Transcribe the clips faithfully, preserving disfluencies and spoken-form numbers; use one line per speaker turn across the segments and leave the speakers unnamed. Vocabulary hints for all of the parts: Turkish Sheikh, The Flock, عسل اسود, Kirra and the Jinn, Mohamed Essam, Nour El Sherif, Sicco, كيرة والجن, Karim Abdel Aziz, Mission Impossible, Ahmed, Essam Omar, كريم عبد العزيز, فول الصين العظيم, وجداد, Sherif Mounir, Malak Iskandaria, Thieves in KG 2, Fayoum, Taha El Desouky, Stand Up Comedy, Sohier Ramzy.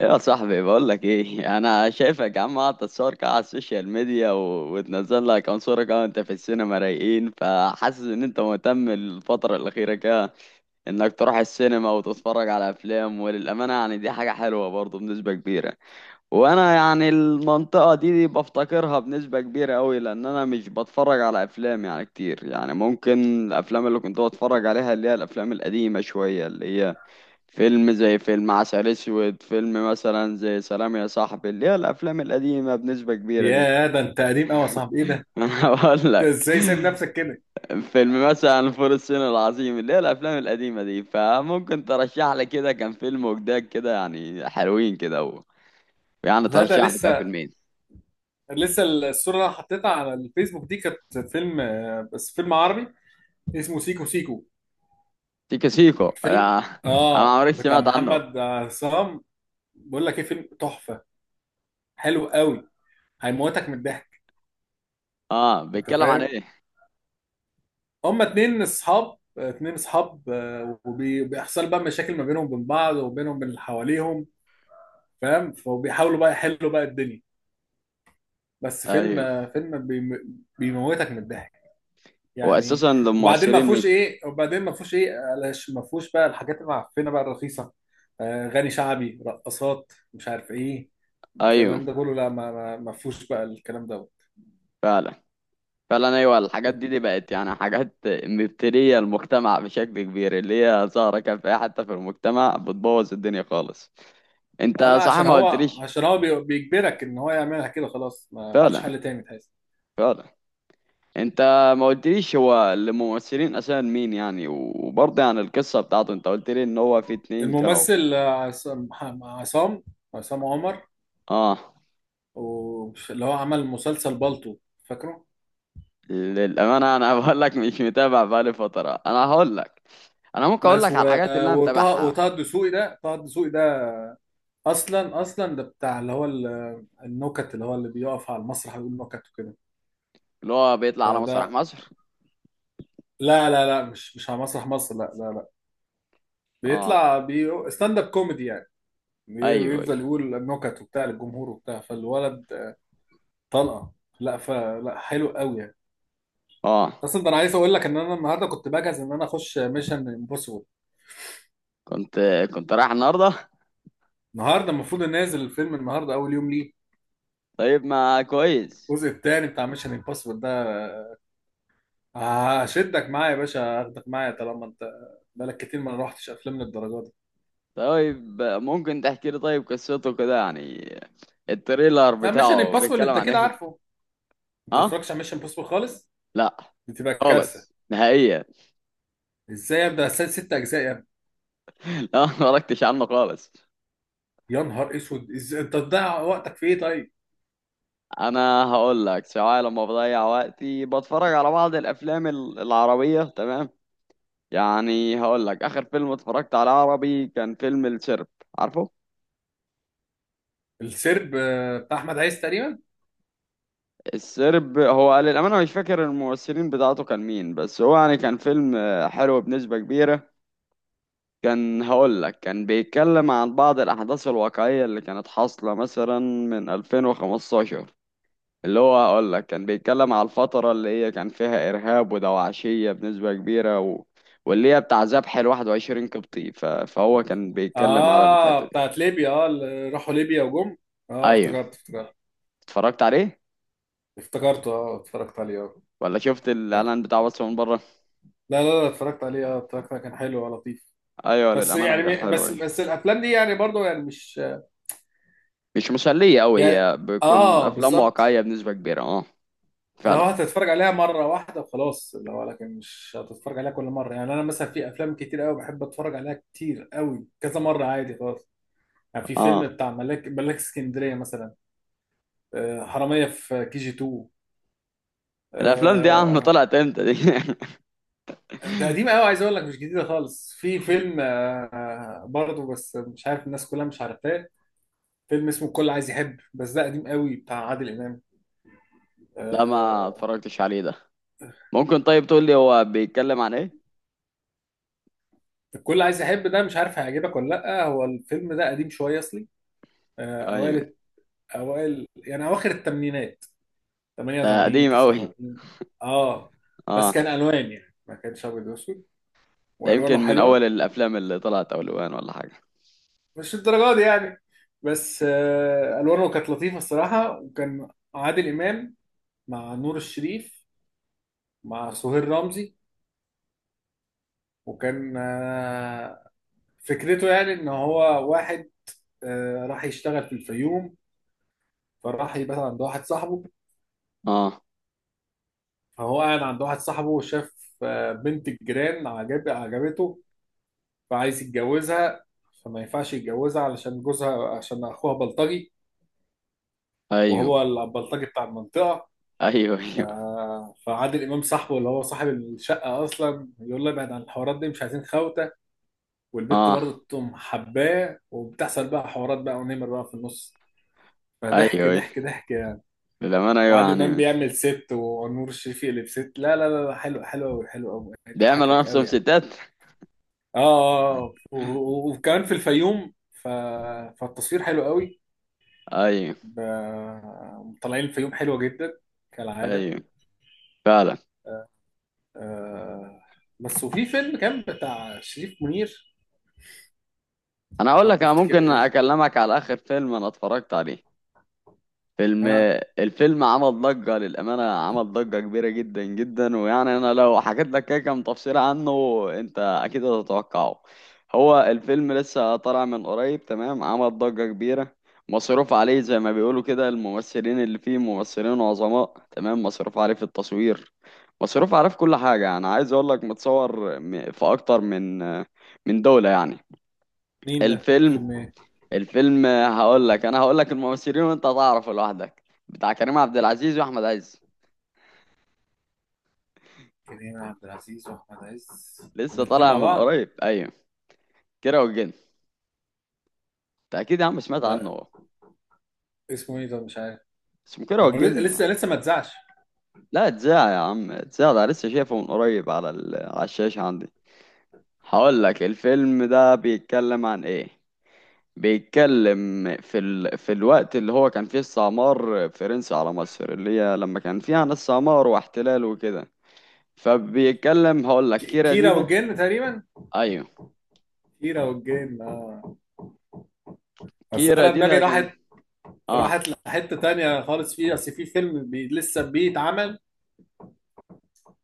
ايه يا صاحبي، بقول لك ايه. انا شايفك يا عم قاعد تتصور كده على السوشيال ميديا و... وتنزل لك كام صوره كده وانت في السينما رايقين. فحاسس ان انت مهتم الفتره الاخيره كده انك تروح السينما وتتفرج على افلام، وللامانه يعني دي حاجه حلوه برضه بنسبه كبيره. وانا يعني المنطقه دي, دي بفتقرها بنسبه كبيره قوي، لان انا مش بتفرج على افلام يعني كتير. يعني ممكن الافلام اللي كنت بتفرج عليها اللي هي الافلام القديمه شويه، اللي هي فيلم زي فيلم عسل اسود، فيلم مثلا زي سلام يا صاحبي، اللي هي الافلام القديمه بنسبه كبيره دي.
يا ده، انت قديم قوي يا صاحبي! ايه ده؟
انا هقول
انت
لك،
ازاي سايب نفسك كده؟
فيلم مثلا فول الصين العظيم، اللي هي الافلام القديمه دي. فممكن ترشح لي كده، كان فيلم وجداد كده يعني حلوين كده و... يعني
لا، ده
ترشح لي كده
لسه.
فيلمين.
لسه الصوره اللي انا حطيتها على الفيسبوك دي كانت فيلم، آه، بس فيلم عربي اسمه سيكو سيكو.
سيكو سيكو،
فيلم
آه. انا ما
اه
عمري
بتاع
سمعت عنه.
محمد عصام. بقول لك ايه، فيلم تحفه، حلو قوي، هيموتك من الضحك.
اه،
انت
بيتكلم عن
فاهم؟
ايه؟
هما اتنين اصحاب اتنين اصحاب آه، وبي- وبيحصل بقى مشاكل ما بينهم وبين بعض وبينهم وبين اللي حواليهم. فاهم؟ فبيحاولوا بقى يحلوا بقى الدنيا. بس فيلم
ايوه،
آه، فيلم بيم- بيموتك من الضحك يعني.
واساسا
وبعدين ما
للمؤثرين مين؟
فيهوش ايه وبعدين ما فيهوش ايه علاش ما فيهوش بقى الحاجات المعفنه بقى الرخيصه، آه، غني شعبي، رقصات، مش عارف ايه،
ايوه،
الكلام ده كله، لا، ما ما ما فيهوش بقى الكلام ده.
فعلا. فعلا ايوه، الحاجات دي, دي بقت يعني حاجات مبتليه المجتمع بشكل كبير، اللي هي ظاهره كان في أي حته في المجتمع بتبوظ الدنيا خالص. انت
اه، لا،
صح،
عشان
ما
هو
قلتليش.
عشان هو بي- بيجبرك ان هو يعملها كده، خلاص ما فيش
فعلا،
حل تاني تحس.
فعلا. انت ما قلتليش هو الممثلين اساسا مين يعني، وبرضه يعني القصه بتاعته، انت قلت لي ان هو في اتنين كانوا.
الممثل، آه، عصام عصام عصام عمر.
اه،
و- اللي هو عمل مسلسل بالطو، فاكره؟
للامانه انا بقول لك مش متابع بقالي فتره. انا هقول لك، انا ممكن اقول
بس
لك على
و-
الحاجات اللي انا
وطه
متابعها.
وطه الدسوقي ده، طه الدسوقي اصلا. اصلا ده بتاع اللي هو ال- النكت، اللي هو اللي بيقف على المسرح ويقول نكت وكده.
اللي هو بيطلع على مسرح
فده،
مصر؟
لا لا لا، مش مش على مسرح مصر، لا لا لا.
اه،
بيطلع بي ستاند اب كوميدي يعني. بي-
ايوه ايوه.
بيفضل يقول النكت وبتاع للجمهور وبتاع، فالولد طلقه. لا، فلا، حلو قوي يعني.
اه،
اصلا ده انا عايز اقول لك ان انا النهارده كنت بجهز ان انا اخش ميشن امبوسيبل.
كنت كنت رايح النهارده؟
النهارده المفروض نازل الفيلم، النهارده اول يوم ليه،
طيب، ما كويس.
الجزء الثاني بتاع ميشن امبوسيبل ده. هشدك معايا يا باشا هاخدك معايا طالما انت بقالك كتير ما روحتش افلام للدرجه دي.
طيب ممكن تحكي لي طيب قصته كده يعني؟ التريلر
لا ميشن
بتاعه
امبوسيبل
بيتكلم
انت
عن
كده
ايه؟
عارفه. انت ما
اه.
بتتفرجش على ميشن امبوسيبل خالص؟
لا،
بتبقى كارثه.
خالص نهائيا.
ازاي؟ ابدا، اسال ست اجزاء يا ابني!
لا، ما اتفرجتش عنه خالص.
يا نهار اسود، ازاي انت بتضيع وقتك في ايه طيب؟
انا هقول لك، سواء لما بضيع وقتي بتفرج على بعض الافلام ال- العربيه، تمام. يعني هقول لك اخر فيلم اتفرجت على عربي كان فيلم الشرب. عارفه؟
السرب، آه، بتاع احمد عايز تقريبا.
السرب، هو للأمانة مش فاكر الممثلين بتاعته كان مين، بس هو يعني كان فيلم آه، حلو بنسبة كبيرة. كان هقول لك كان بيتكلم عن بعض الأحداث الواقعية اللي كانت حاصلة مثلا من ألفين وخمسة عشر. اللي هو هقول لك كان بيتكلم على الفترة اللي هي كان فيها إرهاب ودواعشية بنسبة كبيرة و... واللي هي بتاع ذبح ال واحد وعشرين قبطي، ف... فهو كان بيتكلم على الحتة
اه،
دي.
بتاعت ليبيا، اه اللي راحوا ليبيا وجم. اه،
أيوه،
افتكرت، افتكرت.
اتفرجت عليه
افتكرته، اه، اتفرجت عليه، اه،
ولا شفت
يعني.
الإعلان بتاعه بس من بره؟
لا لا لا، اتفرجت عليه، اه، اتفرجت عليه، كان حلو ولطيف.
أيوه،
بس
للأمانة
يعني
كان
م- بس
حلو.
بس الافلام دي يعني برضو يعني مش،
مش مسلية أوي،
يعني،
هي بتكون
اه،
أفلام
بالظبط.
واقعية بنسبة كبيرة. اه
لو
فعلا،
هتتفرج عليها مرة واحدة وخلاص، لو لكن مش هتتفرج عليها كل مرة، يعني أنا مثلا في أفلام كتير أوي بحب أتفرج عليها كتير أوي كذا مرة عادي خلاص. يعني في فيلم
اه.
بتاع ملاك ملاك اسكندرية مثلا، آه، حرامية في كي جي تو،
الأفلام دي يا عم
آه،
طلعت امتى دي؟
ده قديم أوي، عايز أقول لك مش جديدة خالص. في فيلم، آه، آه، برضه، بس مش عارف الناس كلها مش عارفاه. فيلم اسمه الكل عايز يحب، بس ده قديم أوي بتاع عادل إمام.
لا، ما
آه،
اتفرجتش عليه ده. ممكن طيب تقول لي هو بيتكلم عن ايه؟
الكل عايز يحب ده مش عارف هيعجبك ولا لأ. هو الفيلم ده قديم شوية أصلي، آه،
ايوه.
أوائل. اوائل يعني اواخر الثمانينات،
ده
تمانية وتمانين
قديم أوي؟
تسعة وتمانين. اه، بس
اه.
كان الوان يعني، ما كانش ابيض واسود،
ده
والوانه
يمكن من أول
حلوه.
الأفلام اللي طلعت أولوان ولا حاجة؟
مش الدرجه دي يعني، بس آه الوانه كانت لطيفه الصراحه، وكان عادل امام مع نور الشريف مع سهير رمزي. وكان آه فكرته يعني، ان هو واحد آه راح يشتغل في الفيوم، فراح يبات عند واحد صاحبه.
اه،
فهو قاعد عند واحد صاحبه وشاف آه، بنت الجيران، عجب عجبته، فعايز يتجوزها، فما ينفعش يتجوزها علشان جوزها عشان اخوها بلطجي.
ايوه
وهو البلطجي بتاع المنطقه.
ايوه.
ف...
ايوه
فعادل امام صاحبه اللي هو صاحب الشقه اصلا، يقول له ابعد عن الحوارات دي، مش عايزين خوته. والبت
اه،
برضه تقوم حباه، وبتحصل بقى حوارات بقى ونمر بقى في النص.
ايوه
فضحك
ايوه.
ضحك ضحك يعني.
للأمانة ايوه
وعادل امام
يعني.
بيعمل ست ونور الشريف يقلب ست، لا لا لا لا، حلو حلو قوي حلو قوي،
بيعملوا
هيضحكك
نفسهم
قوي يعني.
ستات؟
اه، آه، آه. و- و- وكمان في الفيوم. ف... فالتصوير حلو قوي.
ايوه
ب- مطلعين الفيوم حلوة جدا، كالعادة،
ايوه، فعلا.
آه. بس وفي فيلم كان بتاع شريف منير،
انا
يا
اقول لك،
رب
انا
افتكر
ممكن
ايه.
اكلمك على اخر فيلم انا اتفرجت عليه. فيلم.
اه،
الفيلم عمل ضجة، للأمانة عمل ضجة كبيرة جدا جدا. ويعني أنا لو حكيت لك كده كام تفصيلة عنه أنت أكيد هتتوقعه. هو الفيلم لسه طالع من قريب تمام، عمل ضجة كبيرة. مصروف عليه زي ما بيقولوا كده، الممثلين اللي فيه ممثلين عظماء تمام، مصروف عليه في التصوير، مصروف عليه في كل حاجة. يعني عايز أقول لك متصور م- في أكتر من من دولة يعني.
مين ده؟
الفيلم.
فيلم ايه؟
الفيلم هقول لك، انا هقول لك الممثلين وانت هتعرف لوحدك. بتاع كريم عبد العزيز واحمد عز.
كريم عبد العزيز واحمد عز،
لسه
الاثنين
طالع
مع
من
بعض؟
قريب، ايوه. كيرة والجن. انت اكيد يا عم سمعت
لا،
عنه.
اسمه ايه ده؟ مش عارف.
اسمه كيرة
هو لسه
والجن.
لسه لسه ما اتذاعش.
لا اتذاع يا عم، اتذاع. ده لسه شايفه من قريب على ال... على الشاشة عندي. هقول لك الفيلم ده بيتكلم عن ايه. بيتكلم في ال... في الوقت اللي هو كان فيه استعمار فرنسي على مصر، اللي هي لما كان فيها ناس استعمار واحتلال وكده. فبيتكلم هقول لك،
ك-
كيرة دي
كيرة
ده.
والجن تقريبا.
ايوه.
كيرة والجن، آه. بس
كيرا
انا
دي
دماغي
ده كان.
راحت،
اه.
راحت لحتة تانية خالص. فيه اصل في فيلم بي لسه بيتعمل،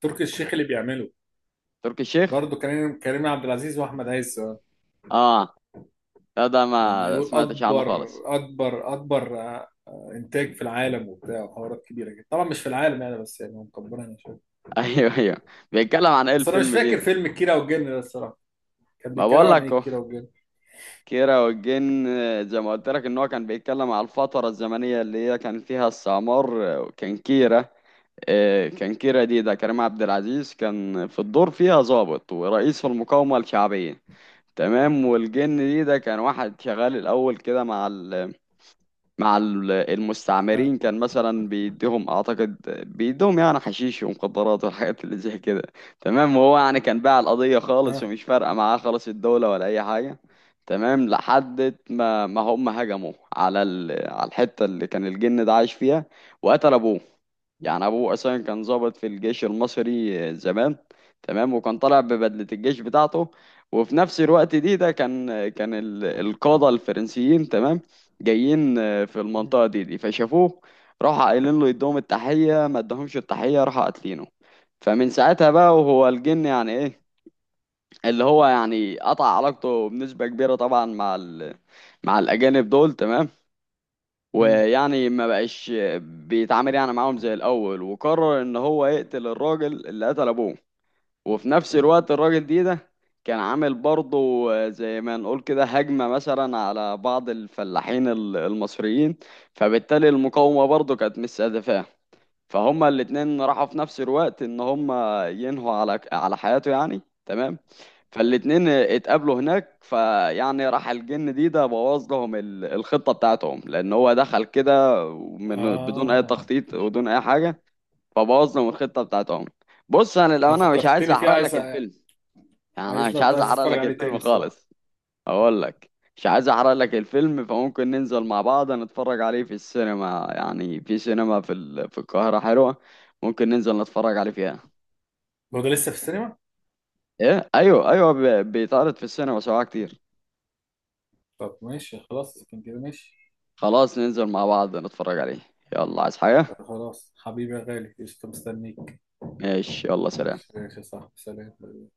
تركي الشيخ اللي بيعمله،
تركي الشيخ.
برضه كريم كريم عبد العزيز واحمد عز.
اه، لا ده ما
وبيقول
سمعتش عنه
اكبر
خالص.
اكبر اكبر، آه، آه، انتاج في العالم وبتاع، وحوارات كبيره كده، طبعا مش في العالم يعني، بس يعني هم مكبرينها شويه.
ايوه ايوه، بيتكلم عن ايه
بس انا مش
الفيلم دي
فاكر
ده؟
فيلم كيرة والجن ده الصراحه، كان
ما
بيتكلم
بقول
عن
لك
ايه
اهو.
كيرة والجن؟
كيرة والجن آه، زي ما قلت لك ان هو كان بيتكلم على الفترة الزمنية اللي هي كان فيها السعمار آه، وكان كيرة آه، كان كيرة دي ده كريم عبد العزيز، كان في الدور فيها ضابط ورئيس المقاومة الشعبية، تمام. والجن دي ده كان واحد شغال الاول كده مع ال مع ال-
اه،
المستعمرين. كان مثلا بيديهم اعتقد، بيديهم يعني حشيش ومخدرات والحاجات اللي زي كده، تمام. وهو يعني كان باع القضية خالص،
اه،
ومش فارقة معاه خالص الدولة ولا اي حاجة. تمام، لحد ما ما هم هجموا على ال... على الحتة اللي كان الجن ده عايش فيها، وقتل ابوه. يعني ابوه اصلا كان ضابط في الجيش المصري زمان، تمام. وكان طالع ببدلة الجيش بتاعته. وفي نفس الوقت دي ده كان كان ال- القادة الفرنسيين تمام جايين آه، في
مم،
المنطقة دي دي فشافوه. راحوا قايلين له يدوهم التحية، ما ادهمش التحية، راحوا قاتلينه. فمن ساعتها بقى وهو الجن، يعني ايه، اللي هو يعني قطع علاقته بنسبة كبيرة طبعا مع ال... مع الأجانب دول، تمام.
مم.
ويعني ما بقاش بيتعامل يعني معاهم زي الأول، وقرر إن هو يقتل الراجل اللي قتل أبوه. وفي نفس الوقت الراجل دي ده كان عامل برضه آه، زي ما نقول كده هجمة مثلا على بعض الفلاحين ال- المصريين. فبالتالي المقاومة برضه كانت مستهدفاه. فهما الاتنين راحوا في نفس الوقت ان هما ينهوا على على حياته يعني، تمام. فالاتنين اتقابلوا هناك، فيعني راح الجن دي ده بوظ لهم ال- الخطة بتاعتهم، لان هو دخل كده من بدون اي
اه.
تخطيط ودون اي حاجة. فبوظنا من الخطه بتاعتهم. بص، انا
انا
للامانه مش عايز
فكرتني فيه،
احرق لك
عايز
الفيلم، يعني انا مش
عايزنا
عايز
عايز
احرق
اتفرج
لك
عليه تاني
الفيلم
الصراحه.
خالص. اقول لك، مش عايز احرق لك الفيلم. فممكن ننزل مع بعض نتفرج عليه في السينما، يعني في سينما في ال... في القاهره حلوه، ممكن ننزل نتفرج عليه فيها.
هو ده لسه في السينما؟
ايه، ايوه ايوه، ب... بيتعرض في السينما سواء كتير.
طب ماشي، خلاص كان كده، ماشي.
خلاص، ننزل مع بعض نتفرج عليه. يلا، عايز حاجه؟
طب خلاص حبيبي يا غالي، قشطة مستنيك.
ماشي، يلا سلام.
ماشي، يا صاحبي، سلام.